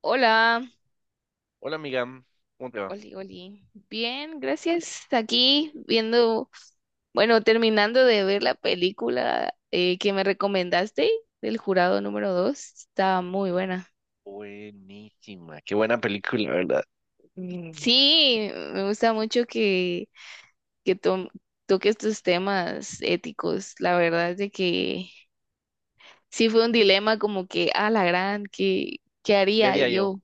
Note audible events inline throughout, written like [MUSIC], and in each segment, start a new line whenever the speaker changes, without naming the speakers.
Hola,
Hola amiga, ¿cómo te va?
Oli, Oli. Bien, gracias. Aquí viendo, bueno, terminando de ver la película que me recomendaste del jurado número 2. Está muy buena.
Buenísima, qué buena película, ¿verdad? Mm.
Sí, me gusta mucho que to- toque estos temas éticos. La verdad es de que sí fue un dilema como que, a la gran, ¿qué
¿Qué
haría
haría yo?
yo?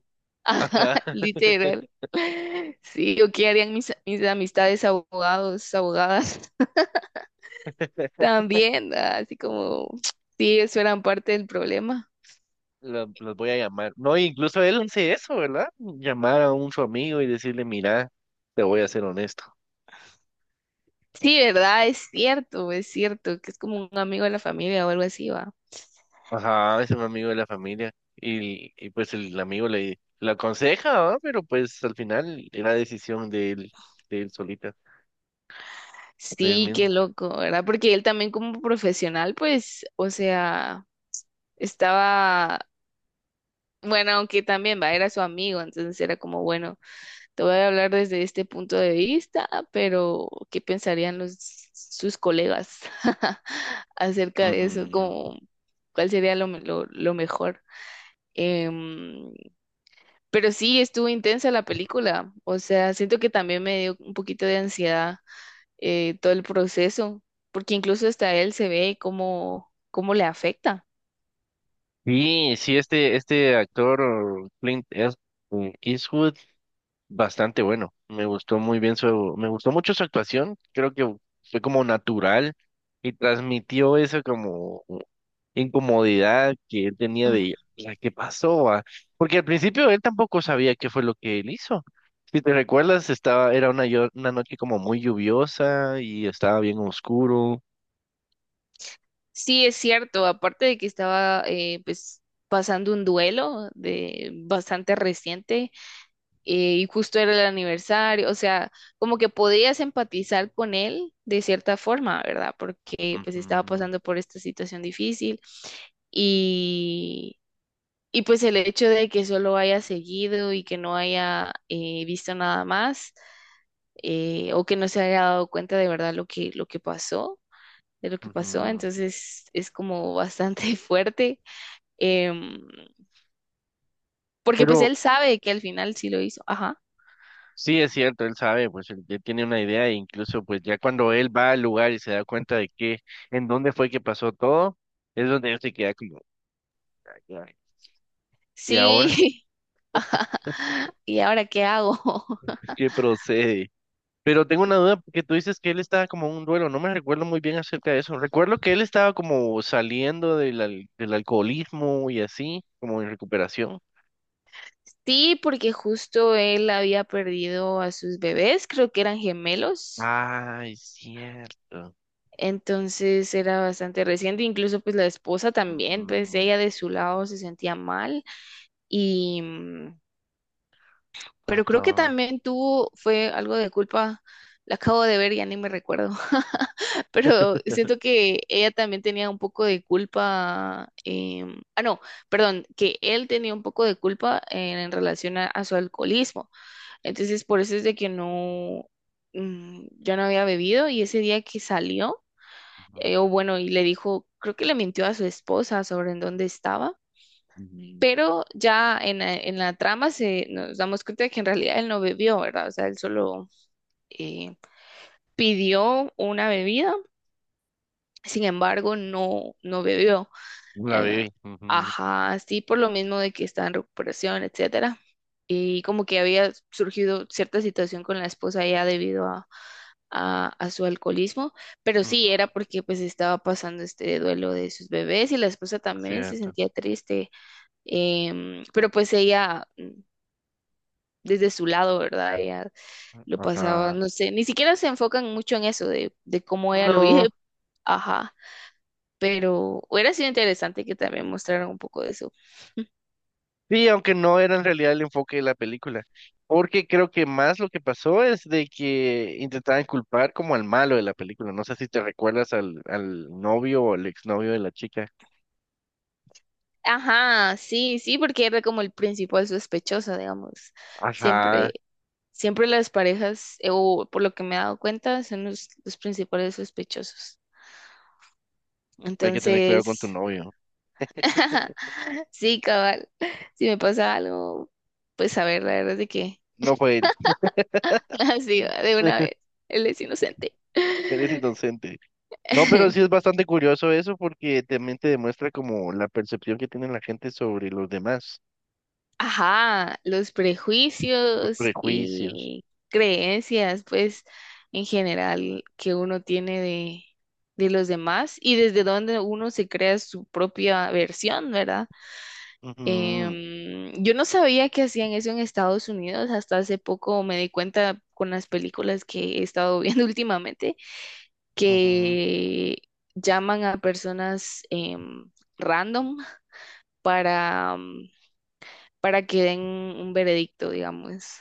Ajá,
[LAUGHS] Literal. Sí, o qué harían mis amistades abogados, abogadas.
[LAUGHS]
También, ah, así como, sí, eso era parte del problema.
los voy a llamar. No, incluso él hace eso, ¿verdad? Llamar a un su amigo y decirle, mira, te voy a ser honesto.
Sí, ¿verdad? Es cierto, que es como un amigo de la familia o algo así, va.
Ajá, es un amigo de la familia. Y pues el amigo le aconseja, ¿va? Pero pues al final era decisión de él solita, de él
Sí, qué
mismo.
loco, ¿verdad? Porque él también como profesional, pues, o sea, estaba, bueno, aunque también, va, era su amigo, entonces era como, bueno, te voy a hablar desde este punto de vista, pero ¿qué pensarían sus colegas [LAUGHS] acerca de eso?
Ujú.
Como, ¿cuál sería lo mejor? Em, Pero sí, estuvo intensa la película. O sea, siento que también me dio un poquito de ansiedad todo el proceso, porque incluso hasta él se ve cómo le afecta.
Sí, sí, este actor Eastwood bastante bueno. Me gustó muy me gustó mucho su actuación. Creo que fue como natural y transmitió esa como incomodidad que él tenía
Mm.
de la que pasó, ¿va? Porque al principio él tampoco sabía qué fue lo que él hizo. Si te recuerdas, era una noche como muy lluviosa y estaba bien oscuro.
Sí, es cierto, aparte de que estaba pues pasando un duelo de bastante reciente y justo era el aniversario, o sea, como que podías empatizar con él de cierta forma, ¿verdad? Porque pues estaba
Ujú,
pasando por esta situación difícil y Y pues el hecho de que solo haya seguido y que no haya visto nada más, o que no se haya dado cuenta de verdad lo lo que pasó, de lo que pasó,
ujú.
entonces es como bastante [LAUGHS] fuerte, em, porque pues
Pero
él sabe que al final sí lo hizo, ajá,
sí, es cierto, él sabe, pues él ya tiene una idea e incluso pues ya cuando él va al lugar y se da cuenta de que en dónde fue que pasó todo, es donde él se queda como, "Ay, ay, ¿y ahora
sí, [LAUGHS] ajá, ¿y ahora qué hago? [LAUGHS]
qué procede?" Pero tengo una duda porque tú dices que él estaba como en un duelo, no me recuerdo muy bien acerca de eso. Recuerdo que él estaba como saliendo del alcoholismo y así, como en recuperación.
Sí, porque justo él había perdido a sus bebés, creo que eran gemelos.
Ah, es cierto.
Entonces era bastante reciente, incluso pues la esposa también, pues
Ujú.
ella de su lado se sentía mal y pero creo que
Ajá.
también tuvo fue algo de culpa. La acabo de ver, ya ni me recuerdo. [LAUGHS] Pero siento que ella también tenía un poco de culpa. Ah, no, perdón, que él tenía un poco de culpa en relación a su alcoholismo. Entonces, por eso es de que no, mm, yo no había bebido y ese día que salió,
Ujú.
o bueno, y le dijo, creo que le mintió a su esposa sobre en dónde estaba, pero ya en la trama se nos damos cuenta de que en realidad él no bebió, ¿verdad? O sea, él solo eh, pidió una bebida, sin embargo, no, no bebió.
La
Eh,
bebé. Ujú.
ajá, sí, por lo mismo de que está en recuperación, etcétera. Y como que había surgido cierta situación con la esposa ya debido a su alcoholismo, pero
Ujú.
sí era porque pues estaba pasando este duelo de sus bebés y la esposa
Es
también se
cierto.
sentía triste, pero pues ella mm, desde su lado, ¿verdad? Ella lo pasaba,
Ajá.
no sé, ni siquiera se enfocan mucho en eso de cómo ella lo vive,
No,
ajá, pero hubiera sido interesante que también mostraran un poco de eso.
sí, aunque no era en realidad el enfoque de la película, porque creo que más lo que pasó es de que intentaban culpar como al malo de la película, no sé si te recuerdas al novio o al exnovio de la chica.
Ajá, sí, sí, porque era como el principal sospechoso, digamos.
Ajá,
Siempre, siempre las parejas, o por lo que me he dado cuenta, son los principales sospechosos.
hay que tener cuidado con
Entonces,
tu novio,
[LAUGHS] sí, cabal, si me pasa algo, pues a ver, la verdad es de que,
no fue él, [LAUGHS]
[LAUGHS] así, de una vez, él es inocente.
eres inocente. No, pero sí es
[LAUGHS]
bastante curioso eso porque también te demuestra como la percepción que tiene la gente sobre los demás,
Ajá, los
los
prejuicios
prejuicios.
y creencias, pues, en general, que uno tiene de los demás y desde donde uno se crea su propia versión, ¿verdad?
Ujú,
Yo no sabía que hacían eso en Estados Unidos, hasta hace poco me di cuenta con las películas que he estado viendo [LAUGHS] últimamente,
ujú.
que llaman a personas em, random para, mm, para que den un veredicto, digamos.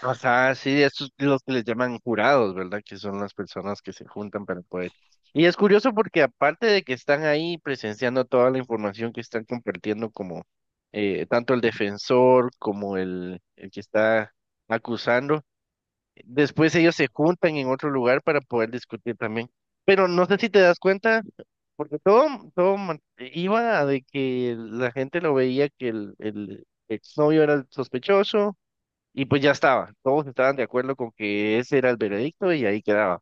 Ajá, sí, estos los que les llaman jurados, ¿verdad? Que son las personas que se juntan para poder. Y es curioso porque aparte de que están ahí presenciando toda la información que están compartiendo como tanto el defensor como el que está acusando, después ellos se juntan en otro lugar para poder discutir también. Pero no sé si te das cuenta, porque todo, iba a de que la gente lo veía que el exnovio era el sospechoso y pues ya estaba, todos estaban de acuerdo con que ese era el veredicto y ahí quedaba.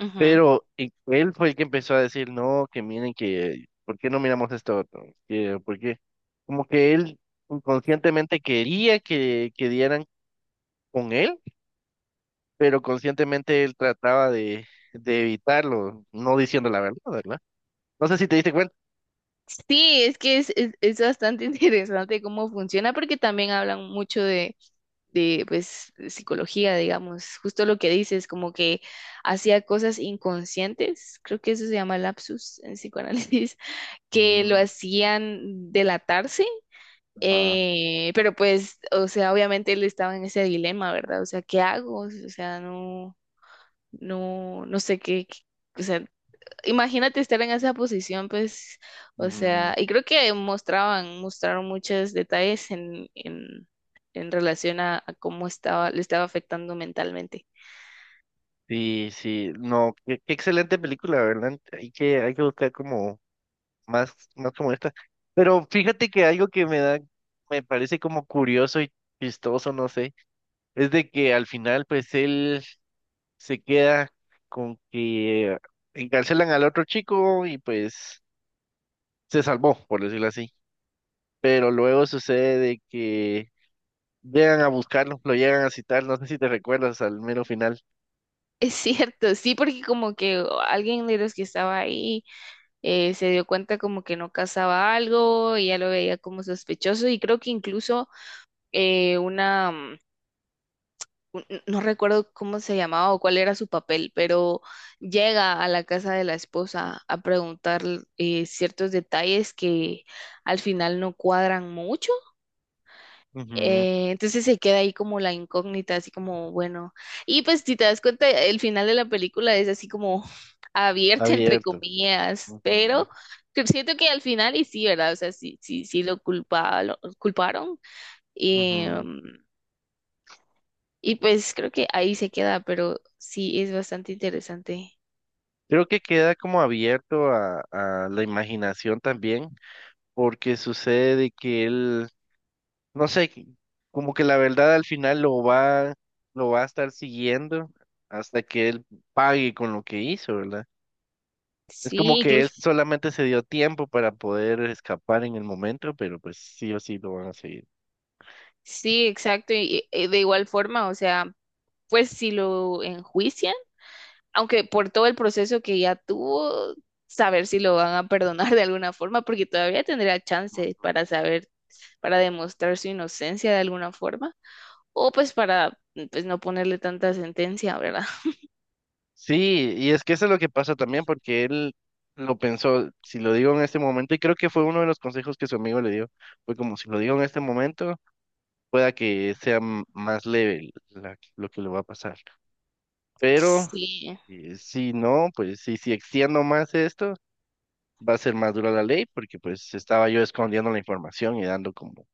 Ujú.
Pero él fue el que empezó a decir, no, que miren que, ¿por qué no miramos esto otro? Que, ¿por qué? Como que él inconscientemente quería que dieran con él, pero conscientemente él trataba de evitarlo, no diciendo la verdad, ¿verdad? No sé si te diste cuenta.
Sí, es que es bastante [LAUGHS] interesante cómo funciona, porque también hablan mucho pues, de psicología, digamos, justo lo que dices, como que hacía cosas inconscientes, creo que eso se llama lapsus en psicoanálisis, [LAUGHS] que lo
Mm,
hacían delatarse,
ajá,
pero pues, o sea, obviamente él estaba en ese dilema, ¿verdad? O sea, ¿qué hago? O sea, no, no, no sé o sea, imagínate estar en esa posición, pues, o sea,
mm.
y creo que mostraban, mostraron muchos detalles en relación a cómo estaba, le estaba afectando mentalmente. [LAUGHS]
Sí, sí, no, qué, qué excelente película, ¿verdad? Hay que buscar como más, más como esta. Pero fíjate que algo que me da, me parece como curioso y chistoso, no sé, es de que al final pues él se queda con que encarcelan al otro chico y pues se salvó, por decirlo así. Pero luego sucede de que llegan a buscarlo, lo llegan a citar, no sé si te recuerdas al mero final.
Es cierto, sí, porque como que alguien de los que estaba ahí se dio cuenta como que no casaba algo y ya lo veía como sospechoso y creo que incluso eh, una mm, no recuerdo cómo se llamaba o cuál era su papel, pero llega a la casa de la esposa a preguntar ciertos detalles que al final no cuadran mucho.
Ujú.
Entonces se queda ahí como la incógnita, así como, bueno, y pues si te das cuenta, el final de la película es así como [LAUGHS] abierto, entre
Abierto.
comillas,
Ujú,
pero que siento que al final y sí, ¿verdad? O sea, sí, sí, sí lo culpa, lo culparon.
ujú.
em, y pues creo que ahí se queda, pero sí es bastante interesante.
Creo que queda como abierto a la imaginación también porque sucede de que él, no sé, como que la verdad al final lo va a estar siguiendo hasta que él pague con lo que hizo, ¿verdad? Es como
Sí,
que él
incluso,
solamente se dio tiempo para poder escapar en el momento, pero pues sí o sí lo van a seguir.
sí, exacto. Y de igual forma, o sea, pues si lo enjuician, aunque por todo el proceso que ya tuvo, saber si lo van a perdonar [LAUGHS] de alguna forma, porque todavía tendría chance para saber, para demostrar su inocencia de alguna forma, o pues para pues no ponerle tanta sentencia, ¿verdad? [LAUGHS]
Sí, y es que eso es lo que pasa también, porque él lo pensó, si lo digo en este momento, y creo que fue uno de los consejos que su amigo le dio, fue como si lo digo en este momento, pueda que sea más leve lo que le va a pasar. Pero
Sí,
si no, pues si, si extiendo más esto, va a ser más dura la ley porque pues estaba yo escondiendo la información y dando como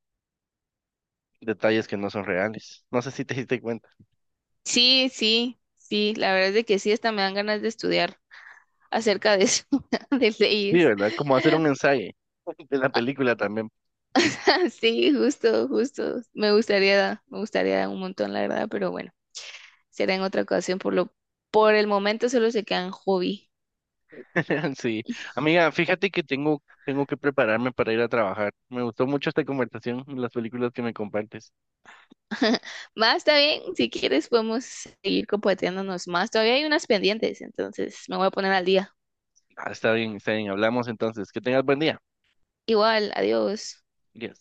detalles que no son reales. No sé si te diste cuenta.
sí, sí, sí, la verdad es de que sí, hasta me dan ganas de estudiar acerca de eso, [LAUGHS] de
Sí,
leyes.
¿verdad? Como hacer un ensayo [LAUGHS] de la película también.
[LAUGHS] Sí, justo, justo. Me gustaría un montón, la verdad, pero bueno, será en otra ocasión. Por el momento solo se quedan hobby.
[LAUGHS] Sí. Amiga, fíjate que tengo, tengo que prepararme para ir a trabajar. Me gustó mucho esta conversación, las películas que me compartes.
[LAUGHS] Más está bien, si quieres podemos seguir compartiéndonos más. Todavía hay unas pendientes, entonces me voy a poner al día.
Ah, está bien, está bien. Hablamos entonces. Que tengas buen día.
Igual, adiós.
Yes.